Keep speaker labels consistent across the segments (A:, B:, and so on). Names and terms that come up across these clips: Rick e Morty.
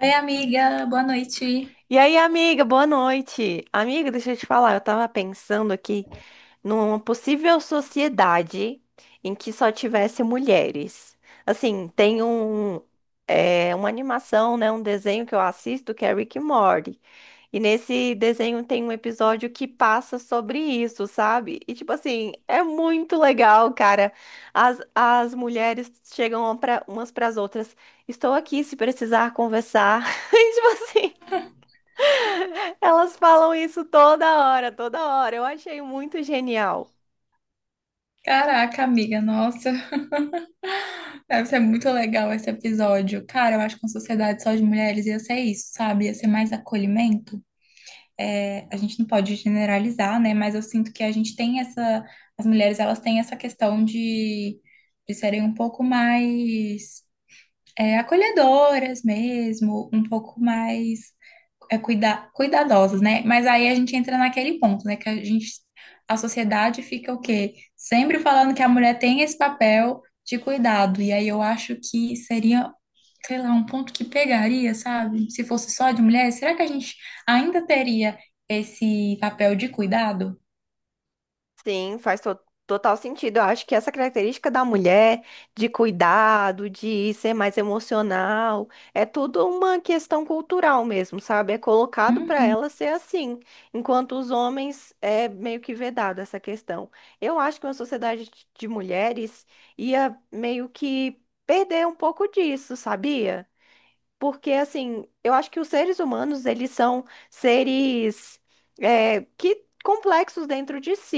A: Oi, amiga, boa noite.
B: E aí, amiga, boa noite. Amiga, deixa eu te falar, eu tava pensando aqui numa possível sociedade em que só tivesse mulheres. Assim, tem um, uma animação, né, um desenho que eu assisto que é Rick e Morty. E nesse desenho tem um episódio que passa sobre isso, sabe? E tipo assim, é muito legal, cara. As mulheres chegam pra, umas pras outras. Estou aqui se precisar conversar. E, tipo assim. Elas falam isso toda hora, toda hora. Eu achei muito genial.
A: Caraca, amiga, nossa, deve ser muito legal esse episódio. Cara, eu acho que uma sociedade só de mulheres ia ser isso, sabe? Ia ser mais acolhimento. É, a gente não pode generalizar, né? Mas eu sinto que a gente tem essa. As mulheres, elas têm essa questão de serem um pouco mais. Acolhedoras mesmo, um pouco mais cuidadosas, né? Mas aí a gente entra naquele ponto, né? Que a sociedade fica o quê? Sempre falando que a mulher tem esse papel de cuidado. E aí eu acho que seria, sei lá, um ponto que pegaria, sabe? Se fosse só de mulher, será que a gente ainda teria esse papel de cuidado?
B: Sim, total sentido. Eu acho que essa característica da mulher de cuidado, de ser mais emocional, é tudo uma questão cultural mesmo, sabe? É colocado para
A: Uhum,
B: ela ser assim, enquanto os homens é meio que vedado essa questão. Eu acho que uma sociedade de mulheres ia meio que perder um pouco disso, sabia? Porque, assim, eu acho que os seres humanos, eles são seres que complexos dentro de si,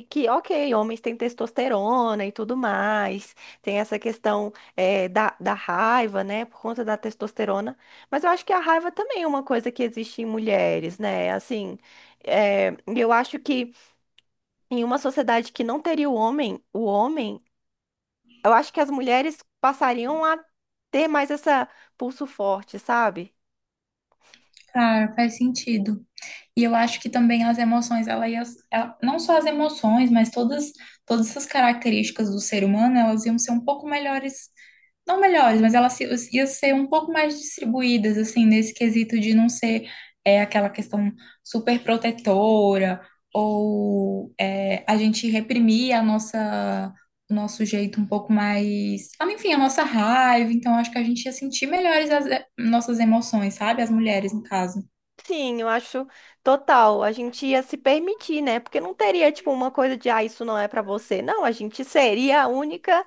B: e que, ok, homens têm testosterona e tudo mais, tem essa questão da raiva, né, por conta da testosterona, mas eu acho que a raiva também é uma coisa que existe em mulheres, né, assim, eu acho que em uma sociedade que não teria o homem, eu acho que as mulheres passariam a ter mais essa pulso forte, sabe?
A: claro, faz sentido. E eu acho que também as emoções, não só as emoções, mas todas essas características do ser humano, elas iam ser um pouco melhores, não melhores, mas elas se- iam ser um pouco mais distribuídas, assim, nesse quesito de não ser aquela questão super protetora, ou a gente reprimir o nosso jeito um pouco mais, ah, enfim, a nossa raiva, então acho que a gente ia sentir melhores as nossas emoções, sabe? As mulheres, no caso.
B: Sim, eu acho total. A gente ia se permitir, né? Porque não teria, tipo, uma coisa de, ah, isso não é pra você. Não, a gente seria a única,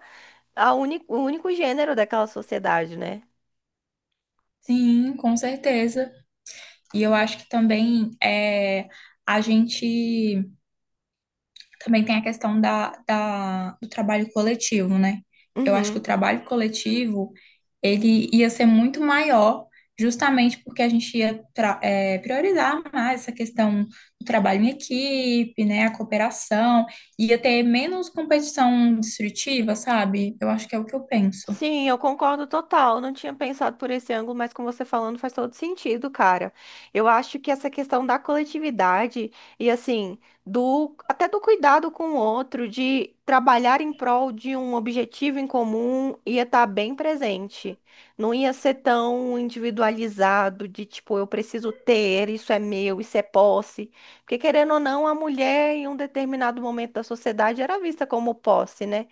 B: o único gênero daquela sociedade, né?
A: Sim, com certeza. E eu acho que também é, a gente também tem a questão do trabalho coletivo, né? Eu acho que o
B: Uhum.
A: trabalho coletivo ele ia ser muito maior, justamente porque a gente priorizar mais essa questão do trabalho em equipe, né? A cooperação, ia ter menos competição destrutiva, sabe? Eu acho que é o que eu penso.
B: Sim, eu concordo total. Não tinha pensado por esse ângulo, mas com você falando faz todo sentido, cara. Eu acho que essa questão da coletividade e assim, do até do cuidado com o outro, de trabalhar em prol de um objetivo em comum, ia estar bem presente. Não ia ser tão individualizado de tipo, eu preciso ter, isso é meu, isso é posse. Porque querendo ou não, a mulher em um determinado momento da sociedade era vista como posse, né?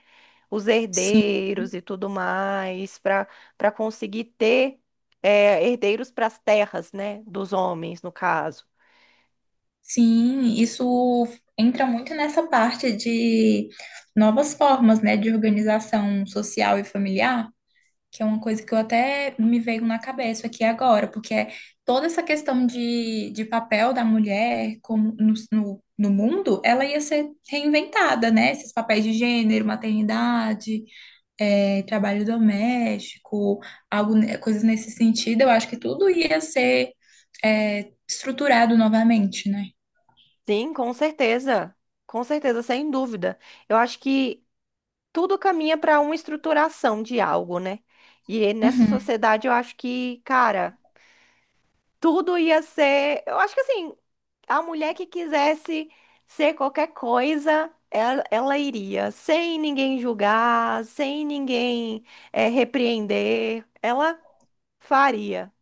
B: Os
A: Sim.
B: herdeiros e tudo mais, para conseguir ter herdeiros para as terras, né, dos homens, no caso.
A: Sim, isso entra muito nessa parte de novas formas, né, de organização social e familiar, que é uma coisa que eu até me veio na cabeça aqui agora, porque é toda essa questão de papel da mulher como no mundo, ela ia ser reinventada, né? Esses papéis de gênero, maternidade, trabalho doméstico, coisas nesse sentido, eu acho que tudo ia ser, estruturado novamente, né?
B: Sim, com certeza, sem dúvida. Eu acho que tudo caminha para uma estruturação de algo, né? E nessa
A: Uhum.
B: sociedade eu acho que, cara, tudo ia ser. Eu acho que assim. A mulher que quisesse ser qualquer coisa, ela iria, sem ninguém julgar, sem ninguém repreender, ela faria.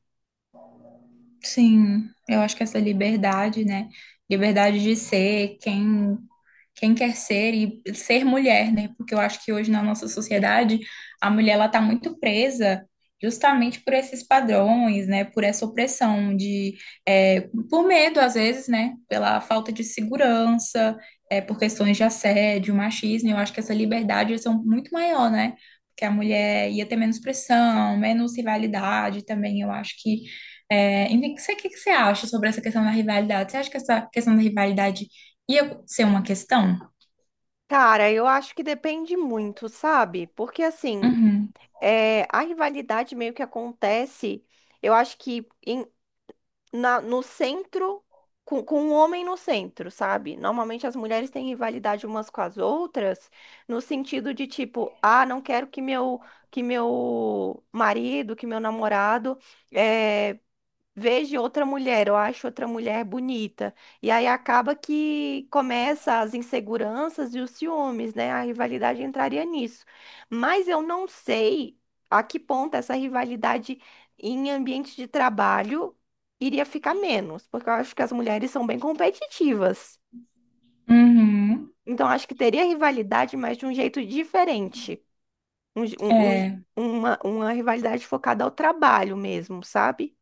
A: Sim, eu acho que essa liberdade, né? Liberdade de ser quem quer ser e ser mulher, né? Porque eu acho que hoje na nossa sociedade a mulher ela tá muito presa justamente por esses padrões, né? Por essa opressão de, é, por medo às vezes, né? Pela falta de segurança, por questões de assédio, machismo. Eu acho que essa liberdade ia ser muito maior, né? Porque a mulher ia ter menos pressão, menos rivalidade também. Eu acho que é, enfim, o que você acha sobre essa questão da rivalidade? Você acha que essa questão da rivalidade ia ser uma questão?
B: Cara, eu acho que depende muito, sabe? Porque assim,
A: Uhum.
B: a rivalidade meio que acontece, eu acho que no centro, com um homem no centro, sabe? Normalmente as mulheres têm rivalidade umas com as outras, no sentido de tipo, ah, não quero que meu marido, que meu namorado eh, vejo outra mulher, eu acho outra mulher bonita. E aí acaba que começa as inseguranças e os ciúmes, né? A rivalidade entraria nisso. Mas eu não sei a que ponto essa rivalidade em ambiente de trabalho iria ficar menos, porque eu acho que as mulheres são bem competitivas.
A: Uhum.
B: Então, acho que teria rivalidade, mas de um jeito diferente. Um je- um- um je-
A: É,
B: uma, uma rivalidade focada ao trabalho mesmo, sabe?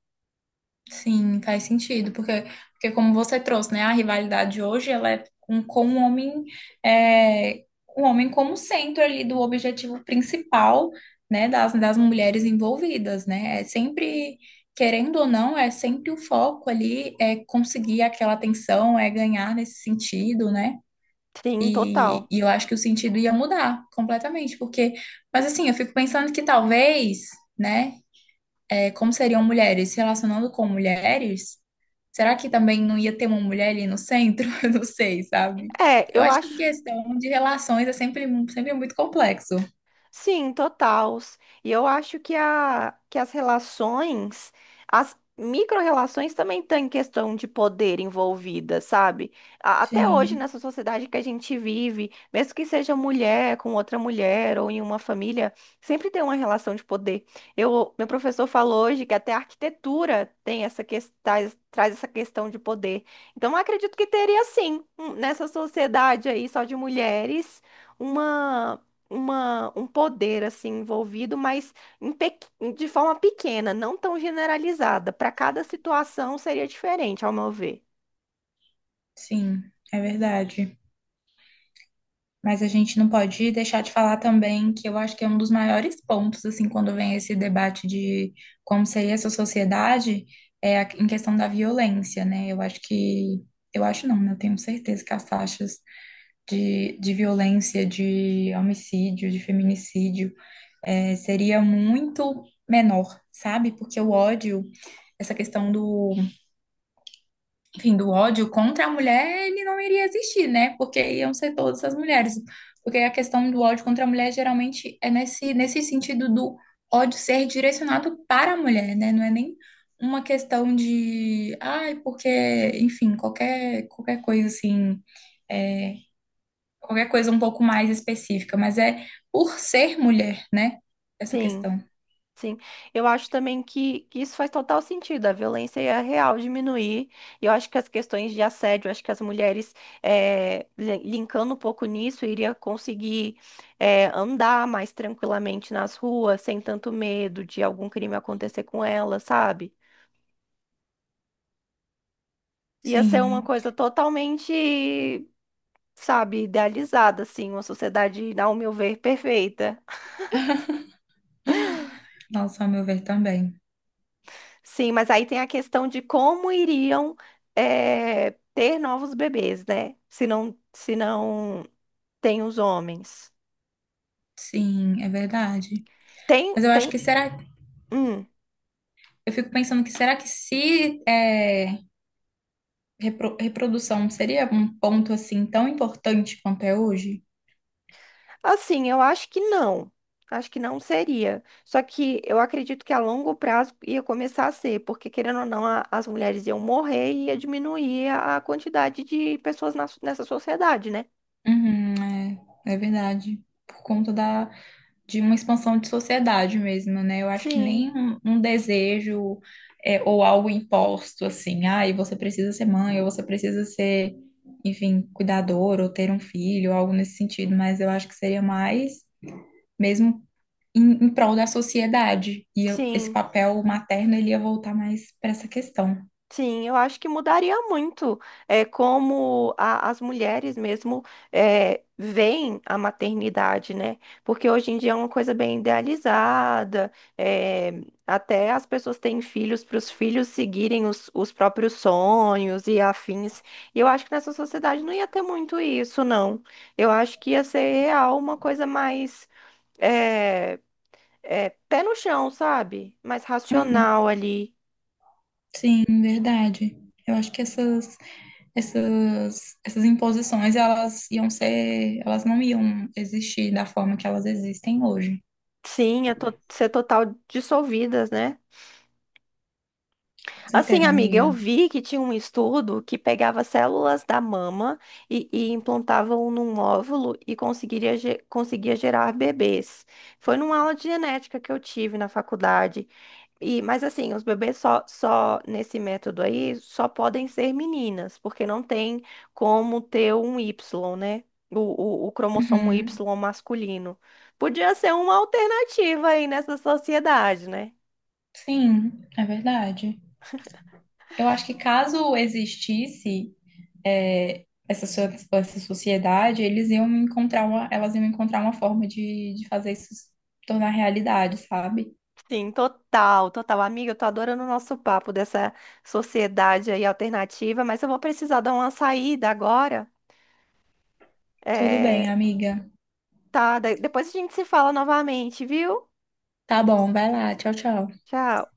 A: sim, faz sentido, porque como você trouxe, né, a rivalidade hoje, ela é com o homem, é, o homem como centro ali do objetivo principal, né, das mulheres envolvidas, né? É sempre, querendo ou não, é sempre o foco ali, é conseguir aquela atenção, é ganhar nesse sentido, né?
B: Sim, total.
A: E eu acho que o sentido ia mudar completamente, porque, mas assim, eu fico pensando que talvez, né, como seriam mulheres se relacionando com mulheres, será que também não ia ter uma mulher ali no centro? Eu não sei, sabe?
B: É,
A: Eu
B: eu
A: acho que
B: acho.
A: questão de relações é sempre muito complexo.
B: Sim, total. E eu acho que, que as relações, as micro-relações também têm questão de poder envolvida, sabe? Até hoje,
A: Sim,
B: nessa sociedade que a gente vive, mesmo que seja mulher com outra mulher ou em uma família, sempre tem uma relação de poder. Eu, meu professor falou hoje que até a arquitetura tem essa questão, traz essa questão de poder. Então, eu acredito que teria sim, nessa sociedade aí só de mulheres, uma um poder assim envolvido, mas em pequ- de forma pequena, não tão generalizada. Para cada situação seria diferente, ao meu ver.
A: sim, é verdade. Mas a gente não pode deixar de falar também que eu acho que é um dos maiores pontos, assim, quando vem esse debate de como seria essa sociedade, é em questão da violência, né? Eu acho eu acho não, né? Eu tenho certeza que as taxas de violência, de homicídio, de feminicídio, é, seria muito menor, sabe? Porque o ódio, essa questão do enfim, do ódio contra a mulher, ele não iria existir, né? Porque iam ser todas as mulheres. Porque a questão do ódio contra a mulher geralmente é nesse sentido do ódio ser direcionado para a mulher, né? Não é nem uma questão de, ai, porque, enfim, qualquer coisa assim, é, qualquer coisa um pouco mais específica, mas é por ser mulher, né? Essa
B: Sim,
A: questão.
B: sim. Eu acho também que isso faz total sentido. A violência é real diminuir. E eu acho que as questões de assédio, eu acho que as mulheres, linkando um pouco nisso, iria conseguir, andar mais tranquilamente nas ruas, sem tanto medo de algum crime acontecer com ela, sabe? Ia ser uma
A: Sim,
B: coisa totalmente, sabe, idealizada, assim, uma sociedade, ao meu ver, perfeita.
A: nossa, ao meu ver também.
B: Sim, mas aí tem a questão de como iriam ter novos bebês, né? Se não tem os homens.
A: Sim, é verdade.
B: Tem,
A: Mas eu acho
B: tem,
A: que será.
B: hum,
A: Eu fico pensando que será que se é, reprodução seria um ponto assim tão importante quanto é hoje?
B: assim, eu acho que não. Acho que não seria. Só que eu acredito que a longo prazo ia começar a ser, porque querendo ou não, as mulheres iam morrer e ia diminuir a quantidade de pessoas nessa sociedade, né?
A: Uhum, é, é verdade. Por conta da, de uma expansão de sociedade mesmo, né? Eu acho que nem
B: Sim,
A: um desejo ou algo imposto assim, ah, e você precisa ser mãe, ou você precisa ser, enfim, cuidador, ou ter um filho, algo nesse sentido, mas eu acho que seria mais mesmo em prol da sociedade. Esse
B: sim.
A: papel materno ele ia voltar mais para essa questão.
B: Sim, eu acho que mudaria muito como as mulheres mesmo veem a maternidade, né? Porque hoje em dia é uma coisa bem idealizada, é, até as pessoas têm filhos para os filhos seguirem os próprios sonhos e afins. E eu acho que nessa sociedade não ia ter muito isso, não. Eu acho que ia ser real uma coisa mais é, pé no chão, sabe? Mais
A: Uhum.
B: racional ali.
A: Sim, verdade. Eu acho que essas imposições, elas não iam existir da forma que elas existem hoje.
B: Sim, ser total dissolvidas, né?
A: Com
B: Assim,
A: certeza,
B: amiga, eu
A: amiga.
B: vi que tinha um estudo que pegava células da mama e implantavam num óvulo e conseguiria, conseguia gerar bebês. Foi numa aula de genética que eu tive na faculdade. E, mas assim, os bebês só nesse método aí só podem ser meninas, porque não tem como ter um Y, né? O, o cromossomo Y
A: Uhum.
B: masculino. Podia ser uma alternativa aí nessa sociedade, né?
A: Sim, é verdade. Eu acho que caso existisse é, essa, so- essa sociedade, eles iam encontrar uma, elas iam encontrar uma forma de fazer isso se tornar realidade, sabe?
B: Sim, total, total. Amiga, eu tô adorando o nosso papo dessa sociedade aí alternativa, mas eu vou precisar dar uma saída agora.
A: Tudo
B: É,
A: bem, amiga.
B: tá, depois a gente se fala novamente, viu?
A: Tá bom, vai lá. Tchau, tchau.
B: Tchau.